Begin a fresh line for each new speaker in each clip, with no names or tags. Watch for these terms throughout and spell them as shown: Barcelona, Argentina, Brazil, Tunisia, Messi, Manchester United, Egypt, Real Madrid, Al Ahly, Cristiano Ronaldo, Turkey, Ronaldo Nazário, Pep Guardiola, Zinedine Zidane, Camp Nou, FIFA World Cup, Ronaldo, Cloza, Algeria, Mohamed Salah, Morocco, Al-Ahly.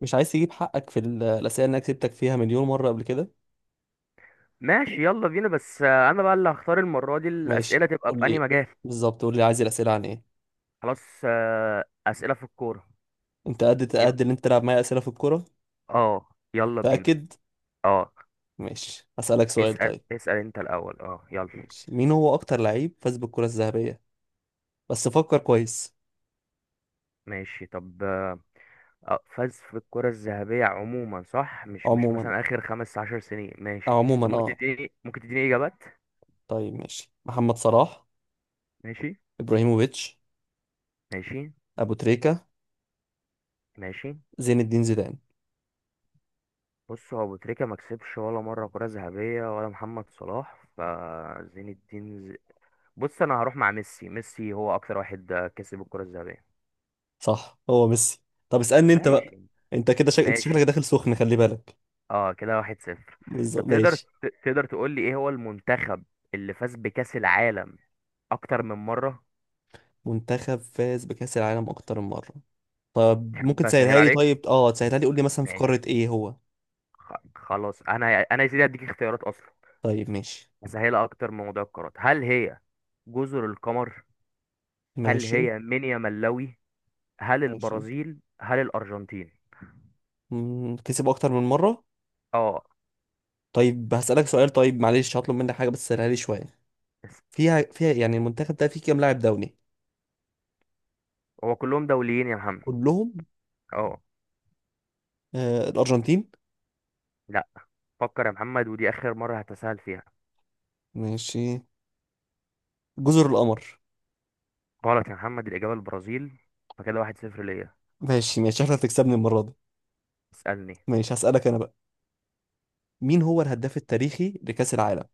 مش عايز تجيب حقك في الأسئلة اللي أنا كسبتك فيها مليون مرة قبل كده.
ماشي يلا بينا بس انا بقى اللي هختار المره دي
ماشي،
الاسئله تبقى
قول
في انهي
لي.
مجال.
بالظبط، قول لي عايز الأسئلة عن إيه.
خلاص اسئله في الكوره.
أنت قد
يلا.
قد اللي أنت تلعب معايا أسئلة في الكورة؟
اه يلا بينا.
تأكد.
اه
ماشي، هسألك سؤال
اسال
طيب.
اسال انت الاول اه يلا.
ماشي، مين هو أكتر لعيب فاز بالكرة الذهبية؟ بس فكر كويس.
ماشي طب فاز في الكره الذهبيه عموما، صح؟ مش
عموما،
مثلا اخر 15 سنين
أو
ماشي.
عموما
طب ممكن تديني، ممكن تديني اجابات.
طيب ماشي، محمد صلاح،
ماشي.
إبراهيموفيتش،
ماشي.
أبو تريكة،
ماشي.
زين الدين زيدان.
بص هو ابو تريكه ما كسبش ولا مره كره ذهبيه، ولا محمد صلاح فزين الدين. بص انا هروح مع ميسي. ميسي هو اكتر واحد كسب الكرة الذهبية.
صح، هو ميسي. طب اسألني أنت بقى.
ماشي.
أنت كده أنت
ماشي.
شكلك داخل سخن، خلي بالك.
اه كده 1-0.
بالظبط
طب تقدر
ماشي.
تقدر تقول لي ايه هو المنتخب اللي فاز بكأس العالم اكتر من مرة؟
منتخب فاز بكأس العالم أكتر من مرة. طب ممكن
تحب اسهل
تسهلها لي؟
عليك؟
طيب، تسهلها لي، قول لي مثلا في
ماشي.
قارة ايه هو.
خلاص انا يا سيدي هديك اختيارات اصلا.
طيب، ماشي
اسهلها اكتر من موضوع القارات، هل هي جزر القمر؟ هل
ماشي
هي مينيا ملاوي؟ هل
ماشي.
البرازيل؟ هل الارجنتين؟
كسب أكتر من مرة.
اه
طيب هسألك سؤال طيب، معلش هطلب منك حاجة، بس سهلها لي شوية.
بس.
فيها يعني المنتخب ده فيه كام لاعب دولي؟
هو كلهم دوليين يا محمد.
كلهم؟
اه.
الأرجنتين؟
لا. فكر يا محمد، ودي اخر مره هتساءل فيها.
ماشي، جزر القمر.
غلط يا محمد، الاجابه البرازيل. فكده 1-0 ليا.
ماشي ماشي، احنا هتكسبني المرة دي.
اسالني.
ماشي، هسألك أنا بقى. مين هو الهداف التاريخي لكأس العالم؟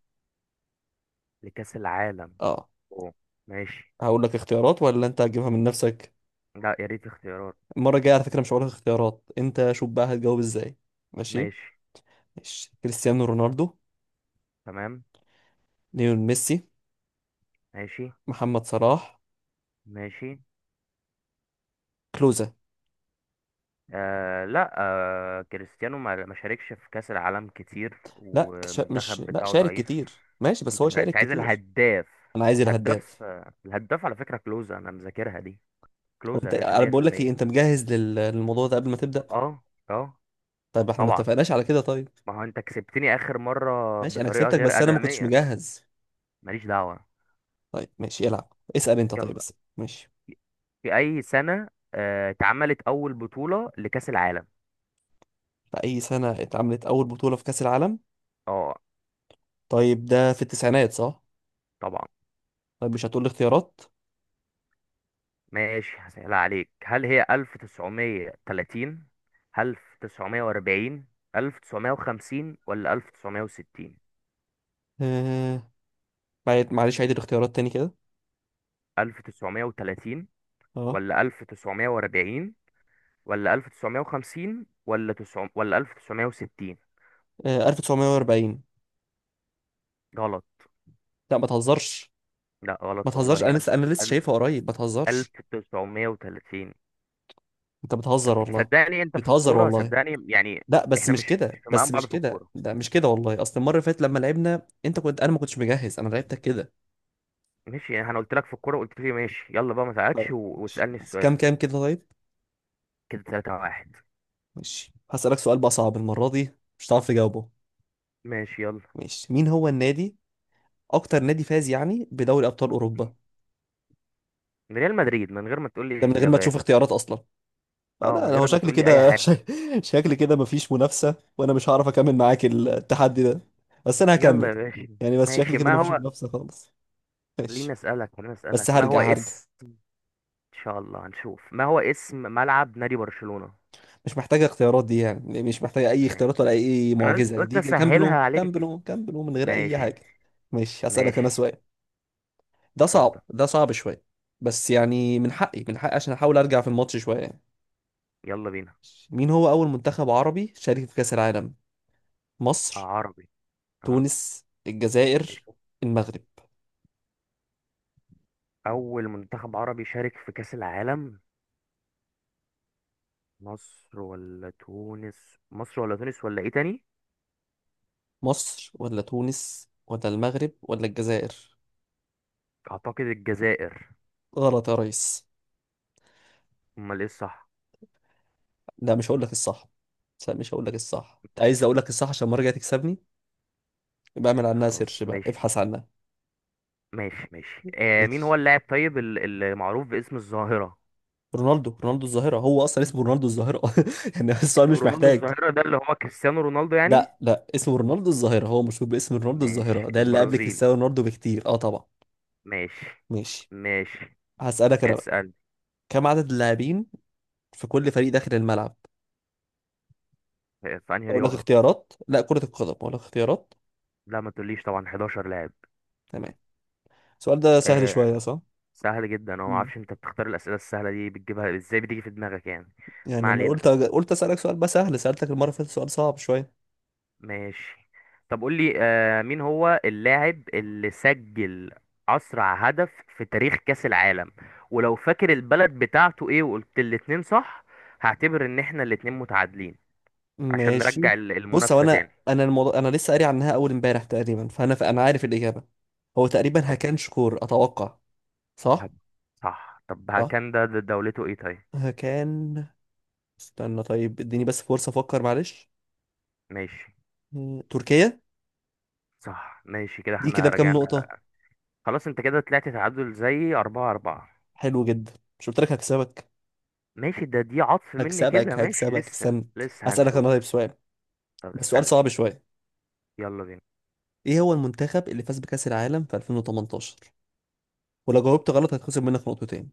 لكاس العالم.
اه.
أوه. ماشي.
هقول لك اختيارات ولا انت هتجيبها من نفسك؟
لا، يا ريت اختيارات.
المرة الجاية على فكرة مش هقولك اختيارات، انت شوف بقى هتجاوب ازاي. ماشي،
ماشي.
ماشي، كريستيانو رونالدو،
تمام.
ليون ميسي،
ماشي.
محمد صلاح،
ماشي
كلوزا.
لا كريستيانو ما شاركش في كأس العالم كتير،
لا مش،
والمنتخب
لا
بتاعه
شارك
ضعيف.
كتير، ماشي، بس
انت
هو
انت
شارك
عايز
كتير.
الهداف؟
انا عايز
الهداف،
الهداف.
الهداف على فكرة كلوزا انا مذاكرها دي.
هو
كلوزا يا
انت،
باشا
انا بقول لك ايه، انت
100%.
مجهز للموضوع ده قبل ما تبدأ؟
اه. اه
طيب احنا ما
طبعا.
اتفقناش على كده؟ طيب
ما هو انت كسبتني اخر مرة
ماشي، انا
بطريقة
كسبتك
غير
بس انا ما كنتش
ادمية.
مجهز.
ماليش دعوة.
طيب ماشي، العب، اسأل انت، طيب
يلا.
بس ماشي.
في اي سنة اتعملت اول بطولة لكأس العالم؟
في اي سنة اتعملت اول بطولة في كأس العالم؟
اه
طيب، ده في التسعينات صح؟
طبعا.
طيب مش هتقول لي اختيارات؟
ماشي هسهلها عليك، هل هي 1930، 1940، 1950، ولا 1960؟
معلش عيد الاختيارات تاني كده.
1930،
اه.
ولا 1940، ولا 1950، ولا 9، ولا 1960؟
1940.
غلط.
لا، ما تهزرش.
لا
ما
غلط
تهزرش،
والله.
انا لسه
1000.
شايفها قريب، ما تهزرش.
1930.
انت بتهزر
انت
والله.
صدقني، انت في
بتهزر
الكورة
والله.
صدقني يعني.
لا بس
احنا مش
مش
مش
كده،
في مقام
بس
بعض
مش
في
كده،
الكورة.
لا مش كده والله، اصل المره اللي فاتت لما لعبنا انت كنت انا ما كنتش مجهز، انا لعبتك كده.
ماشي، انا قلت لك في الكورة، قلت لي ماشي يلا بقى ما
طيب
تعادش و...
ماشي،
واسألني
بس
السؤال.
كام كام كده طيب.
كده 3 واحد.
ماشي هسألك سؤال بقى صعب، المره دي مش هتعرف تجاوبه.
ماشي. يلا.
ماشي، مين هو النادي، اكتر نادي فاز يعني بدوري ابطال اوروبا؟
من ريال مدريد، من غير ما تقول
ده
لي
من غير ما تشوف
اجابات.
اختيارات اصلا.
اه
انا
من
أنا هو
غير ما
شكلي
تقول لي اي
كده
حاجة.
شكلي كده مفيش منافسة، وانا مش هعرف اكمل معاك التحدي ده. بس انا
يلا
هكمل.
يا باشا.
يعني بس شكلي
ماشي
كده
ما
مفيش
هو.
منافسة خالص.
خليني
ماشي
اسألك، خليني
بس
اسألك ما هو
هرجع
اسم، ان شاء الله هنشوف، ما هو اسم ملعب نادي برشلونة؟
مش محتاجة اختيارات دي، يعني مش محتاجة اي
ماشي.
اختيارات ولا اي
انا قلت،
معجزة،
قلت
دي كامب
اسهلها
نو، كامب
عليك.
نو، كامب نو، من غير اي
ماشي.
حاجة. ماشي هسألك
ماشي.
انا سؤال، ده
اتفضل.
صعب، ده صعب شوية، بس يعني من حقي عشان احاول ارجع في الماتش شوية يعني.
يلا بينا.
مين هو اول منتخب عربي شارك في كأس العالم؟ مصر،
عربي. اه
تونس، الجزائر،
ماشي.
المغرب.
اول منتخب عربي شارك في كأس العالم، مصر ولا تونس؟ مصر ولا تونس ولا ايه تاني؟
مصر ولا تونس ولا المغرب ولا الجزائر.
اعتقد الجزائر.
غلط يا ريس.
امال ايه الصح؟
لا مش هقول لك الصح. لا مش هقول لك الصح، انت عايز اقول لك الصح عشان المره الجايه تكسبني؟ يبقى اعمل عنها سيرش
خلاص
بقى،
ماشي.
ابحث عنها.
ماشي. ماشي آه، مين هو
ماشي،
اللاعب طيب المعروف باسم الظاهرة؟
رونالدو الظاهره، هو اصلا اسمه رونالدو الظاهره. يعني السؤال مش
رونالدو
محتاج.
الظاهرة ده اللي هو كريستيانو رونالدو يعني؟
لا لا، اسمه رونالدو الظاهره، هو مشهور باسم رونالدو
ماشي
الظاهره، ده اللي قبل
البرازيلي.
كريستيانو رونالدو بكتير، اه طبعا.
ماشي.
ماشي،
ماشي.
هسألك انا بقى:
اسأل.
كم عدد اللاعبين في كل فريق داخل الملعب؟
في انهي
اقول لك
رياضة؟
اختيارات؟ لا كرة القدم، اقول لك اختيارات.
لا ما تقوليش، طبعا 11 لاعب.
تمام. السؤال ده سهل
آه،
شوية صح؟
سهل جدا. انا ما
مم.
اعرفش انت بتختار الاسئله السهله دي، بتجيبها ازاي، بتيجي في دماغك يعني. ما
يعني أنا
علينا.
قلت أسألك سؤال بقى سهل، سألتك المرة اللي فاتت سؤال صعب شوية.
ماشي. طب قول لي مين هو اللاعب اللي سجل اسرع هدف في تاريخ كاس العالم؟ ولو فاكر البلد بتاعته ايه وقلت الاتنين صح، هعتبر ان احنا الاتنين متعادلين عشان
ماشي،
نرجع
بص، هو
المنافسه تاني.
أنا الموضوع، أنا لسه قاري عنها أول امبارح تقريبا، فأنا عارف الإجابة. هو تقريبا
طب
هكان شكور أتوقع. صح؟
هب- صح. طب ها
صح،
كان ده، ده دولته ايه طيب؟
هكان. استنى طيب، اديني بس فرصة أفكر، معلش.
ماشي
تركيا.
صح، ماشي كده
دي كده
احنا
بكام نقطة؟
رجعنا. خلاص انت كده طلعت تعادل زي 4-4.
حلو جدا. مش قلت لك هكسبك؟
ماشي، ده دي عطف مني كده.
هكسبك
ماشي
هكسبك
لسه،
استنى.
لسه
أسألك أنا طيب
هنشوف.
سؤال،
طب
بس سؤال
اسألني.
صعب شوية.
يلا بينا.
إيه هو المنتخب اللي فاز بكأس العالم في 2018؟ ولو جاوبت غلط هتخصم منك نقطتين.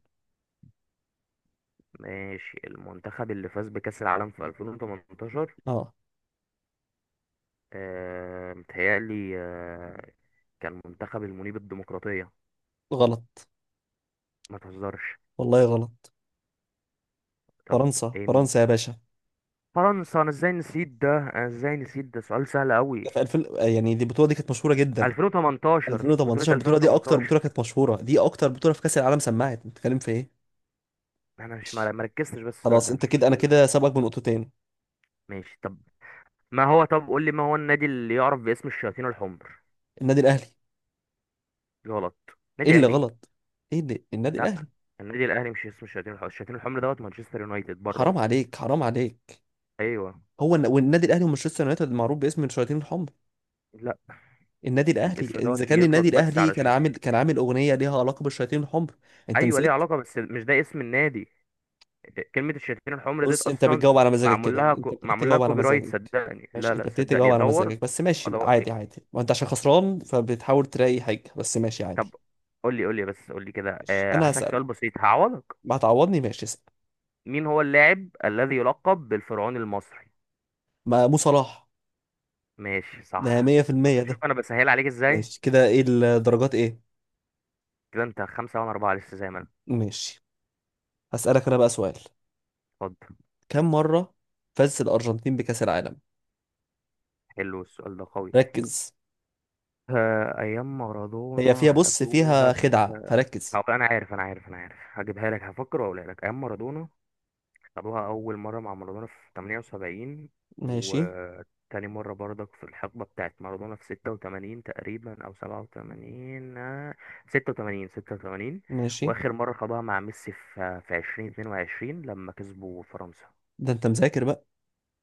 ماشي، المنتخب اللي فاز بكأس العالم في 2018؟
اه.
آه متهيألي آه كان منتخب المنيب الديمقراطية.
غلط
ما تهزرش.
والله. غلط.
طب.
فرنسا،
ايه مين؟
فرنسا يا باشا.
فرنسا. انا ازاي نسيت ده، انا ازاي نسيت ده، سؤال سهل قوي.
ده في 2000، يعني دي البطوله دي كانت مشهوره جدا.
2018، بطولة
2018، البطوله دي اكتر
2018؟
بطوله كانت مشهوره، دي اكتر بطوله في كاس العالم. سمعت انت بتتكلم في ايه؟
انا مش مر-
ماشي.
مركزتش، بس السؤال
خلاص،
ده
انت
مش
كده، انا
مشكلة.
كده سابقك بنقطتين.
ماشي. طب ما هو، طب قول لي، ما هو النادي اللي يعرف باسم الشياطين الحمر؟
النادي الاهلي.
غلط.
ايه
نادي
اللي
اهلي؟
غلط؟ ايه اللي النادي
لا،
الاهلي؟
النادي الاهلي مش اسمه الشياطين الحمر، الشياطين الحمر دوت مانشستر يونايتد بره
حرام
اصلا.
عليك، حرام عليك.
ايوه.
هو والنادي الاهلي ومانشستر يونايتد معروف باسم الشياطين الحمر.
لا،
النادي الاهلي،
الاسم دوت
اذا كان
بيطلق
النادي
بس
الاهلي
على
كان عامل اغنيه ليها علاقه بالشياطين الحمر. انت
ايوه، ليه
نسيت.
علاقه بس مش ده اسم النادي. كلمه الشياطين الحمر ديت
بص، انت
اصلا
بتجاوب على مزاجك
معمول
كده،
لها
انت ابتديت
معمول لها
تجاوب على
كوبي رايت
مزاجك.
صدقني.
ماشي،
لا،
انت
لا،
ابتديت تجاوب
صدقني
على
دور.
مزاجك، بس ماشي
ادور
عادي
ك-
عادي، ما انت عشان خسران فبتحاول تلاقي حاجه، بس ماشي عادي.
طب قول لي، قول لي، بس قول لي كده.
ماشي،
أه
انا
هسألك
هسألك.
سؤال بسيط هعوضك.
ما هتعوضني؟ ماشي، اسأل.
مين هو اللاعب الذي يلقب بالفرعون المصري؟
ما مو صلاح.
ماشي
ده
صح.
100%
شوف، شوف
ده.
انا بسهل عليك ازاي.
ماشي كده، ايه الدرجات ايه؟
كده انت 5 وانا 4 لسه زي ما أنا.
ماشي، هسألك انا بقى سؤال:
اتفضل.
كم مره فاز الارجنتين بكأس العالم؟
حلو السؤال ده قوي.
ركز.
ايام
هي
مارادونا
فيها، بص
خدوها
فيها خدعه
في.
فركز.
هو انا عارف، انا عارف، انا عارف هجيبها لك، هفكر واقولها لك. ايام مارادونا خدوها اول مره مع مارادونا في 78.
ماشي،
وتاني مره برضك في الحقبه بتاعت مارادونا في 86 تقريبا او 87، 86، 86.
ماشي،
واخر مره خدوها مع ميسي في 2022 لما كسبوا فرنسا.
ده انت مذاكر بقى.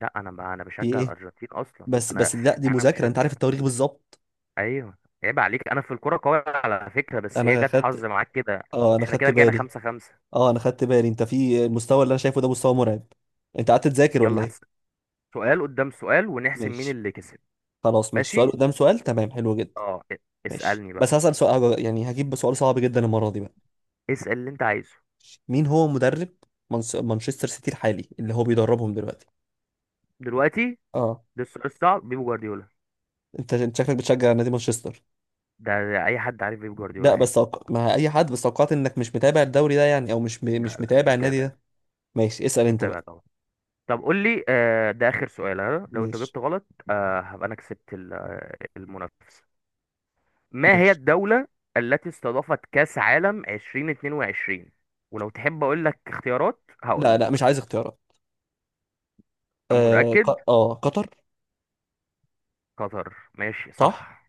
لا، انا بقى انا
في
بشجع
ايه.
الارجنتين اصلا
بس
انا.
بس لا، دي
انا
مذاكره، انت عارف
مشجع.
التواريخ بالظبط.
ايوه. عيب عليك، انا في الكوره قوي على فكره، بس هي
انا
جت حظ
خدت.
معاك كده.
اه، انا
احنا
خدت
كده رجعنا
بالي.
5-5.
اه، انا خدت بالي، انت في المستوى اللي انا شايفه ده مستوى مرعب. انت قعدت تذاكر ولا
يلا
ايه؟
سؤال قدام سؤال ونحسب مين
ماشي،
اللي كسب.
خلاص ماشي، سؤال
ماشي.
قدام سؤال، تمام، حلو جدا.
اه ا-
ماشي،
اسألني بقى.
بس هسأل سؤال يعني هجيب سؤال صعب جدا المرة دي بقى.
اسأل اللي انت عايزه.
مين هو مدرب مانشستر سيتي الحالي اللي هو بيدربهم دلوقتي؟
دلوقتي؟
اه.
ده السؤال الصعب؟ بيب جوارديولا.
انت شكلك بتشجع نادي مانشستر.
ده, ده اي حد عارف بيب
لا
جوارديولا
بس
يعني.
ما اي حد، بس توقعت انك مش متابع الدوري ده يعني، او مش
لا،
مش
لا،
متابع النادي
متابع.
ده. ماشي، اسأل انت
متابع
بقى.
طبعا. طب قول لي ده اخر سؤال ها؟ لو انت
ماشي،
جبت غلط هبقى انا كسبت المنافسة. ما هي
ماشي.
الدولة التي استضافت كأس عالم 2022؟ ولو تحب اقول لك اختيارات هقول
لا لا، مش
لك.
عايز اختيارات.
متأكد؟
اه قطر.
قطر، ماشي
صح.
صح.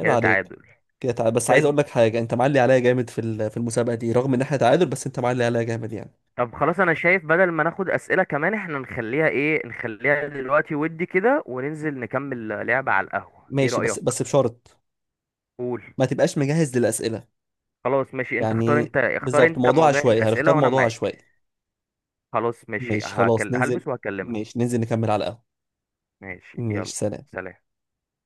عيب
كده
عليك.
تعادل.
كده تعال، بس عايز
طيب.
اقول لك حاجه، انت معلي عليا جامد في في المسابقه دي، رغم ان احنا تعادل، بس انت معلي عليا جامد يعني.
طب خلاص انا شايف بدل ما ناخد أسئلة كمان، احنا نخليها ايه، نخليها دلوقتي ودي كده وننزل نكمل لعبة على القهوة، ايه
ماشي، بس
رأيك؟
بس بشرط.
قول.
ما تبقاش مجهز للاسئله.
خلاص ماشي، انت اختار،
يعني،
انت اختار
بالظبط،
انت
موضوع
موضوع
عشوائي، هنختار
الأسئلة وانا
موضوع
معاك.
عشوائي.
خلاص ماشي
ماشي خلاص ننزل.
هلبس وهكلمك.
ماشي ننزل نكمل على القهوه.
ماشي يلا.
ماشي سلام.
سلام.